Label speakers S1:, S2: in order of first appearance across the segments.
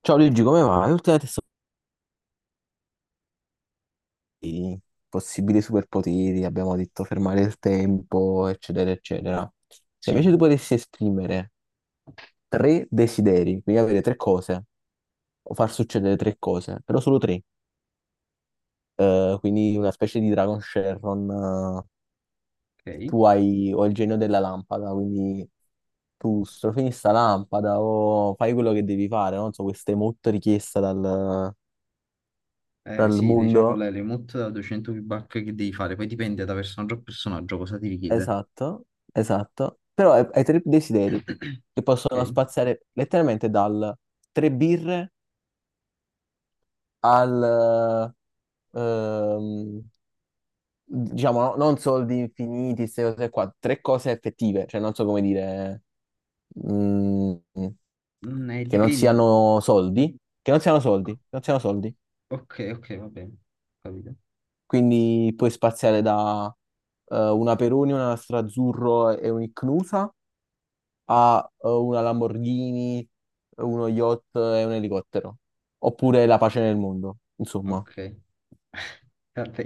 S1: Ciao Luigi, come va? Ultimamente sto i possibili superpoteri, abbiamo detto fermare il tempo, eccetera, eccetera. E
S2: Sì,
S1: invece tu potessi esprimere tre desideri, quindi avere tre cose, o far succedere tre cose, però solo tre. Quindi una specie di Dragon Sharon, che
S2: ok.
S1: tu hai, o il genio della lampada, quindi tu strofini sta lampada o fai quello che devi fare, no? Non so, questa è molto richiesta dal, dal
S2: Sì, diciamo
S1: mondo.
S2: la remote da 200 feedback che devi fare, poi dipende da personaggio a personaggio cosa ti richiede.
S1: Esatto, esatto. Però hai tre desideri che
S2: Ok,
S1: possono spaziare letteralmente dal tre birre al, ehm, diciamo, non soldi infiniti, queste cose qua, tre cose effettive, cioè non so come dire, mm, che non
S2: Dipende.
S1: siano soldi, che non siano soldi,
S2: o-
S1: che non siano soldi.
S2: Ok, ok, va bene, capito.
S1: Quindi puoi spaziare da una Peroni, una Strazzurro e un'Icnusa ha una Lamborghini, uno yacht e un elicottero. Oppure la pace nel mondo, insomma.
S2: Ok, vabbè,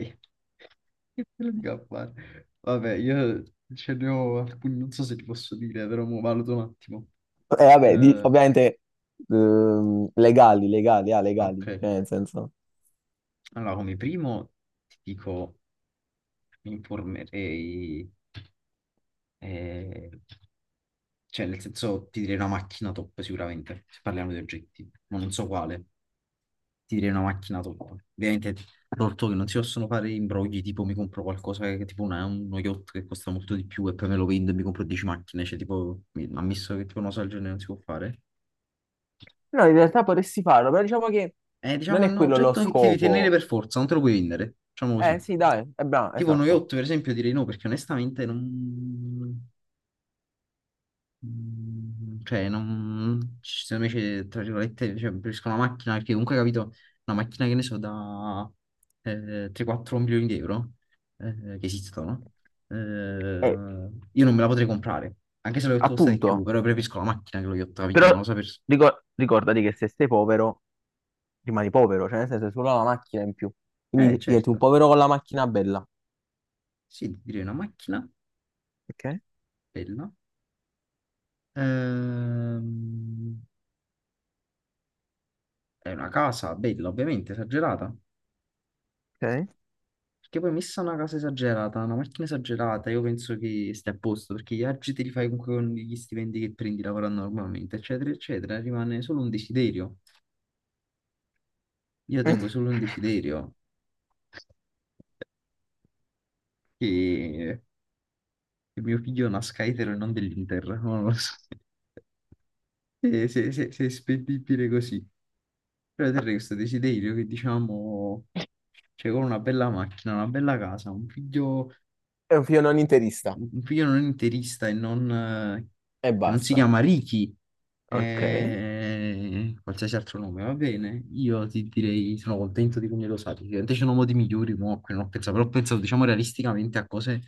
S2: che te lo dico a fare? Vabbè, io ce ne ho alcuni, non so se ti posso dire, però mo valuto un attimo.
S1: E vabbè,
S2: Eh,
S1: ovviamente legali, legali, ah, legali,
S2: ok,
S1: cioè nel senso...
S2: allora come primo ti dico... mi informerei, eh, cioè nel senso ti direi una macchina top sicuramente, se parliamo di oggetti, ma non so quale, ti direi una macchina top. Ovviamente, tolto che non si possono fare imbrogli, tipo mi compro qualcosa che tipo uno yacht che costa molto di più e poi me lo vendo e mi compro 10 macchine, cioè tipo, ammesso che tipo una cosa del genere non si può fare.
S1: No, in realtà potresti farlo, però diciamo che
S2: Eh,
S1: non
S2: diciamo, è
S1: è
S2: un
S1: quello lo
S2: oggetto che ti devi tenere
S1: scopo.
S2: per forza, non te lo puoi vendere, diciamo
S1: Eh
S2: così.
S1: sì, dai, è bravo,
S2: Tipo uno
S1: esatto.
S2: yacht, per esempio, direi no, perché onestamente non... Cioè, non... secondo me, c'è, tra virgolette, cioè, preferisco una macchina perché comunque, capito, una macchina che ne so, da 3-4 milioni di euro che esistono,
S1: Eh,
S2: io non me la potrei comprare, anche se lo yacht costa di più,
S1: appunto,
S2: però preferisco la macchina che lo yacht, capito? E
S1: però
S2: non lo so per...
S1: ricordati che se sei povero, rimani povero, cioè nel senso è solo la macchina in più. Quindi diventi un
S2: Certo,
S1: povero con la macchina bella.
S2: sì, direi una macchina
S1: Ok,
S2: bella. Ehm, è una casa bella, ovviamente, esagerata.
S1: ok.
S2: Perché poi messa una casa esagerata, una macchina esagerata, io penso che stai a posto, perché gli viaggi te li fai comunque con gli stipendi che prendi lavorando normalmente, eccetera, eccetera, rimane solo un desiderio. Io tengo solo un desiderio, che, che mio figlio nasca etero e non dell'Inter, non lo so. E se è spendibile così. Però te questo desiderio che diciamo, cioè con una bella macchina, una bella casa,
S1: È un film non interista
S2: un figlio non interista e non,
S1: e
S2: che non si
S1: basta.
S2: chiama Ricky
S1: Ok.
S2: e qualsiasi altro nome, va bene. Io ti direi, sono contento di come lo sai. Ovviamente c'è un uomo di migliori, mo, a cui non ho pensato, però ho pensato, diciamo, realisticamente a cose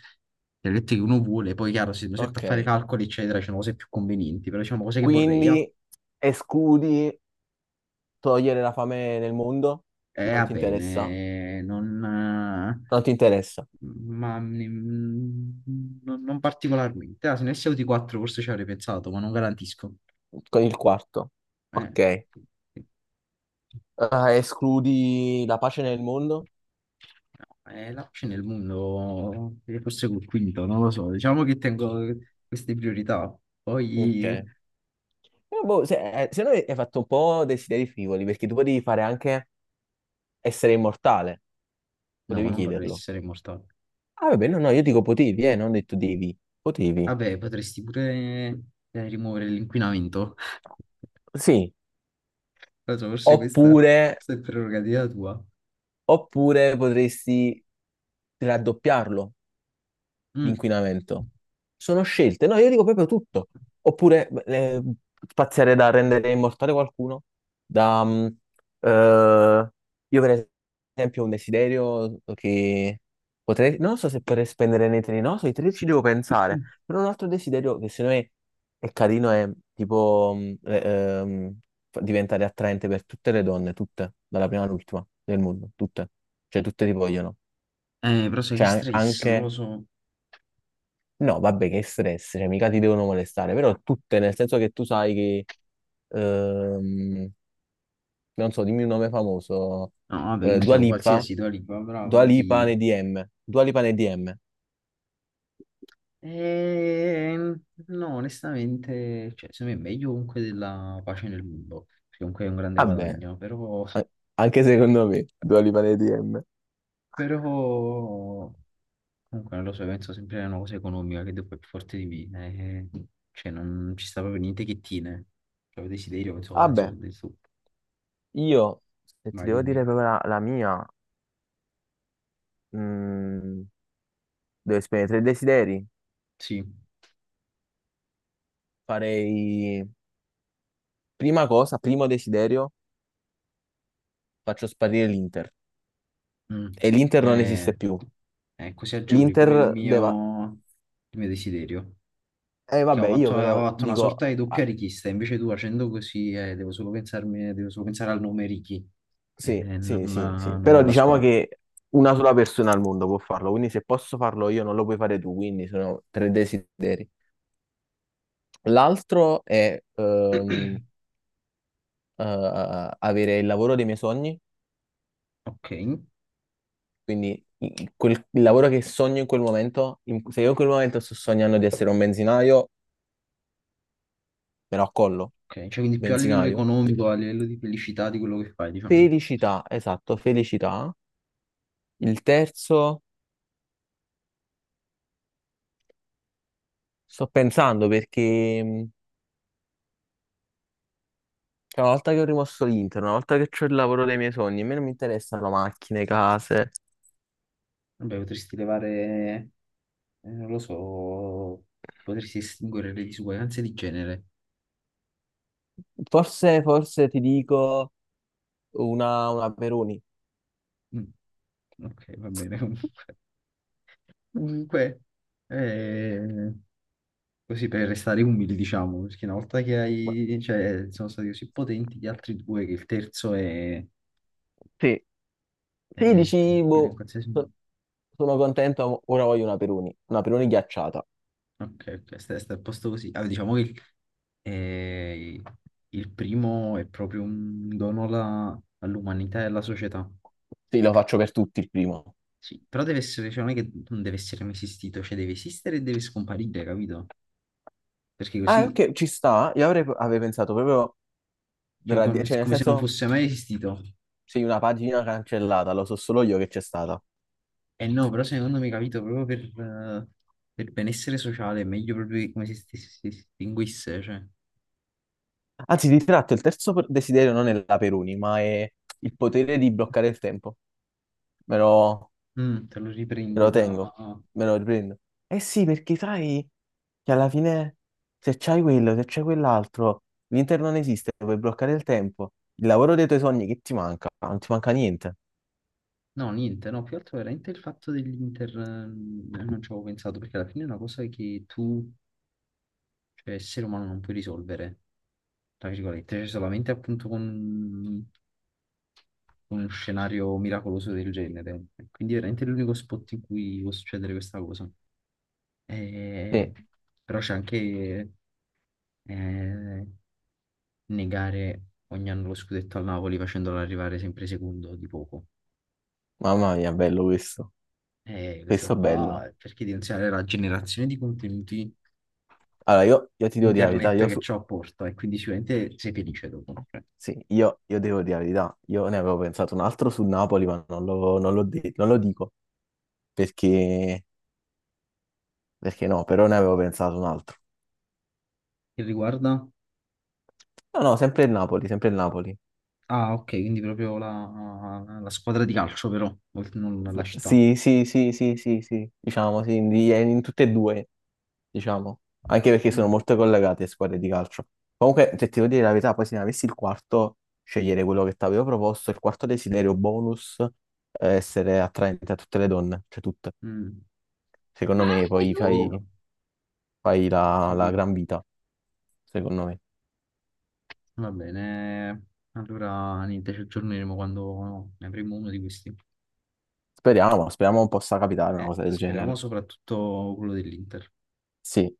S2: le lette che uno vuole. Poi, chiaro, se mi metto a
S1: Ok.
S2: fare calcoli, eccetera, c'è cose più convenienti, però diciamo cose che vorrei, ah.
S1: Quindi escludi togliere la fame nel mondo?
S2: Eh,
S1: Non
S2: va
S1: ti interessa?
S2: bene, non...
S1: Non ti interessa.
S2: ma non particolarmente. Ah, se ne avessi avuti quattro forse ci avrei pensato, ma non garantisco.
S1: Con il quarto.
S2: Eh.
S1: Ok.
S2: Sì.
S1: Escludi la pace nel mondo?
S2: No, l'APC nel mondo, forse col quinto, non lo so. Diciamo che tengo queste priorità.
S1: Ok.
S2: Poi,
S1: Boh, se no hai fatto un po' desideri frivoli, perché tu potevi fare anche essere immortale.
S2: no, ma
S1: Potevi
S2: non vorrei
S1: chiederlo.
S2: essere immortale.
S1: Ah, vabbè, no, no, io dico potevi, non ho detto devi. Potevi.
S2: Vabbè, potresti pure rimuovere l'inquinamento.
S1: Sì.
S2: Non so, forse questa,
S1: Oppure,
S2: questa è prerogativa tua.
S1: oppure potresti raddoppiarlo
S2: Mm.
S1: l'inquinamento. Sono scelte, no, io dico proprio tutto. Oppure spaziare da rendere immortale qualcuno, da... eh, io per esempio ho un desiderio che potrei, non so se potrei spendere nei treni, no, sui treni ci devo pensare, però un altro desiderio che secondo me è carino è tipo ehm, diventare attraente per tutte le donne, tutte, dalla prima all'ultima del mondo, tutte, cioè tutte ti vogliono,
S2: Però sai che
S1: cioè
S2: stress, non lo
S1: anche.
S2: so. No,
S1: No, vabbè, che stress, cioè mica ti devono molestare, però tutte, nel senso che tu sai che, ehm, non so, dimmi un nome famoso,
S2: vabbè, che ne
S1: Dua
S2: so,
S1: Lipa,
S2: qualsiasi tua lingua,
S1: Dua
S2: bravo,
S1: Lipa
S2: ti,
S1: nei DM, Dua Lipa nei DM.
S2: Ehm, no, onestamente, cioè, secondo me è meglio comunque della pace nel mondo, perché comunque è un grande
S1: Vabbè,
S2: guadagno, però,
S1: a- anche secondo me, Dua Lipa nei DM.
S2: però comunque non lo so, penso sempre a una cosa economica che dopo è più forte di me, eh, cioè non ci sta proprio niente che tiene, cioè desiderio, penso cosa di
S1: Vabbè,
S2: soldi, su,
S1: io, se ti
S2: vai
S1: devo dire
S2: dimmi,
S1: proprio la mia, mm, devo esprimere tre desideri,
S2: sì,
S1: farei, prima cosa, primo desiderio, faccio sparire l'Inter,
S2: mm.
S1: e l'Inter non esiste
S2: Eh,
S1: più.
S2: così agevoli pure il
S1: L'Inter deve,
S2: mio, il mio desiderio.
S1: eh,
S2: Che
S1: vabbè, io
S2: ho
S1: però
S2: fatto una
S1: dico,
S2: sorta di
S1: ah,
S2: doppia richiesta, invece tu facendo così devo solo pensare al nome Ricky e
S1: sì,
S2: non,
S1: sì, sì, sì,
S2: non
S1: però
S2: alla
S1: diciamo
S2: squadra.
S1: che una sola persona al mondo può farlo, quindi se posso farlo io non lo puoi fare tu, quindi sono tre desideri. L'altro è avere il lavoro dei miei sogni,
S2: Ok,
S1: quindi il lavoro che sogno in quel momento, se io in quel momento sto sognando di essere un benzinaio, me lo accollo,
S2: ok, cioè quindi più a livello
S1: benzinaio.
S2: economico, a livello di felicità di quello che fai, diciamo.
S1: Felicità, esatto, felicità. Il terzo, sto pensando perché... Cioè, una volta che ho rimosso l'Inter, una volta che ho il lavoro dei miei sogni, a me non mi interessano macchine, case.
S2: Vabbè, potresti levare, non lo so, potresti estinguere le disuguaglianze di genere.
S1: Forse, forse ti dico una Peroni.
S2: Mm, ok, va bene comunque. Comunque, eh, Così per restare umili, diciamo, perché una volta che
S1: Ma-
S2: hai, cioè, sono stati così potenti gli altri due che il terzo è,
S1: Sì, sì,
S2: è
S1: dici,
S2: spendibile in
S1: boh,
S2: qualsiasi...
S1: so-
S2: modo.
S1: sono contento, ora voglio una Peroni ghiacciata.
S2: Ok, ok, sta a posto così. Allora, diciamo che eh, il primo è proprio un dono all'umanità e alla società.
S1: Sì, lo faccio per tutti il primo.
S2: Sì, però deve essere, cioè, non è che non deve essere mai esistito, cioè deve esistere e deve scomparire, capito? Perché
S1: Ah,
S2: così,
S1: ok, ci sta. Io avrei pensato proprio,
S2: cioè, come,
S1: cioè nel
S2: come se non
S1: senso,
S2: fosse mai esistito.
S1: sì, una pagina cancellata, lo so solo io che c'è stata.
S2: Eh no, però secondo me, capito, proprio per benessere sociale è meglio proprio che come se si distinguisse, cioè.
S1: Anzi, di tratto, il terzo desiderio non è la Peruni, ma è il potere di bloccare il tempo. Me lo,
S2: Mm, te lo
S1: me
S2: riprendi
S1: lo tengo,
S2: da...
S1: me lo riprendo. Eh sì, perché sai che alla fine se c'hai quello, se c'hai quell'altro, l'Inter non esiste, puoi bloccare il tempo. Il lavoro dei tuoi sogni, che ti manca? Non ti manca niente.
S2: No, niente, no, più altro veramente il fatto dell'Inter, non ci avevo pensato, perché alla fine è una cosa che tu, cioè essere umano, non puoi risolvere, tra virgolette, cioè solamente appunto con uno scenario miracoloso del genere. Quindi è veramente è l'unico spot in cui può succedere questa cosa. Eh,
S1: Sì,
S2: Però c'è anche... Eh, negare ogni anno lo scudetto al Napoli facendolo arrivare sempre secondo di poco.
S1: mamma mia, bello questo.
S2: E questo
S1: Questo è bello.
S2: qua cerchi di insegnare la generazione di contenuti
S1: Allora, io ti devo dire la verità,
S2: internet
S1: io
S2: che
S1: su...
S2: ciò apporta e quindi sicuramente sei felice dopo. Cioè,
S1: Sì, io devo dire la verità. Io ne avevo pensato un altro sul Napoli, ma non lo, non l'ho de- non lo dico perché perché no, però ne avevo pensato un altro.
S2: che riguarda...
S1: No, no, sempre il Napoli, sempre il Napoli.
S2: Ah, ok, quindi proprio la squadra di calcio però, non la città.
S1: Sì, sì, sì, sì, sì, sì, diciamo, sì, in tutte e due, diciamo. Anche perché sono
S2: Mm,
S1: molto collegate le squadre di calcio. Comunque, se ti devo dire la verità, poi se ne avessi il quarto, scegliere quello che ti avevo proposto, il quarto desiderio bonus, essere attraente a tutte le donne, cioè tutte.
S2: mm,
S1: Secondo me
S2: Parli ho
S1: poi
S2: tu! Capito,
S1: fai, fai
S2: ho
S1: la
S2: capito.
S1: gran vita, secondo me.
S2: Va bene, allora niente, ci aggiorneremo quando ne avremo uno di questi.
S1: Speriamo, speriamo possa capitare una
S2: Eh,
S1: cosa del
S2: speriamo
S1: genere.
S2: soprattutto quello dell'Inter.
S1: Sì,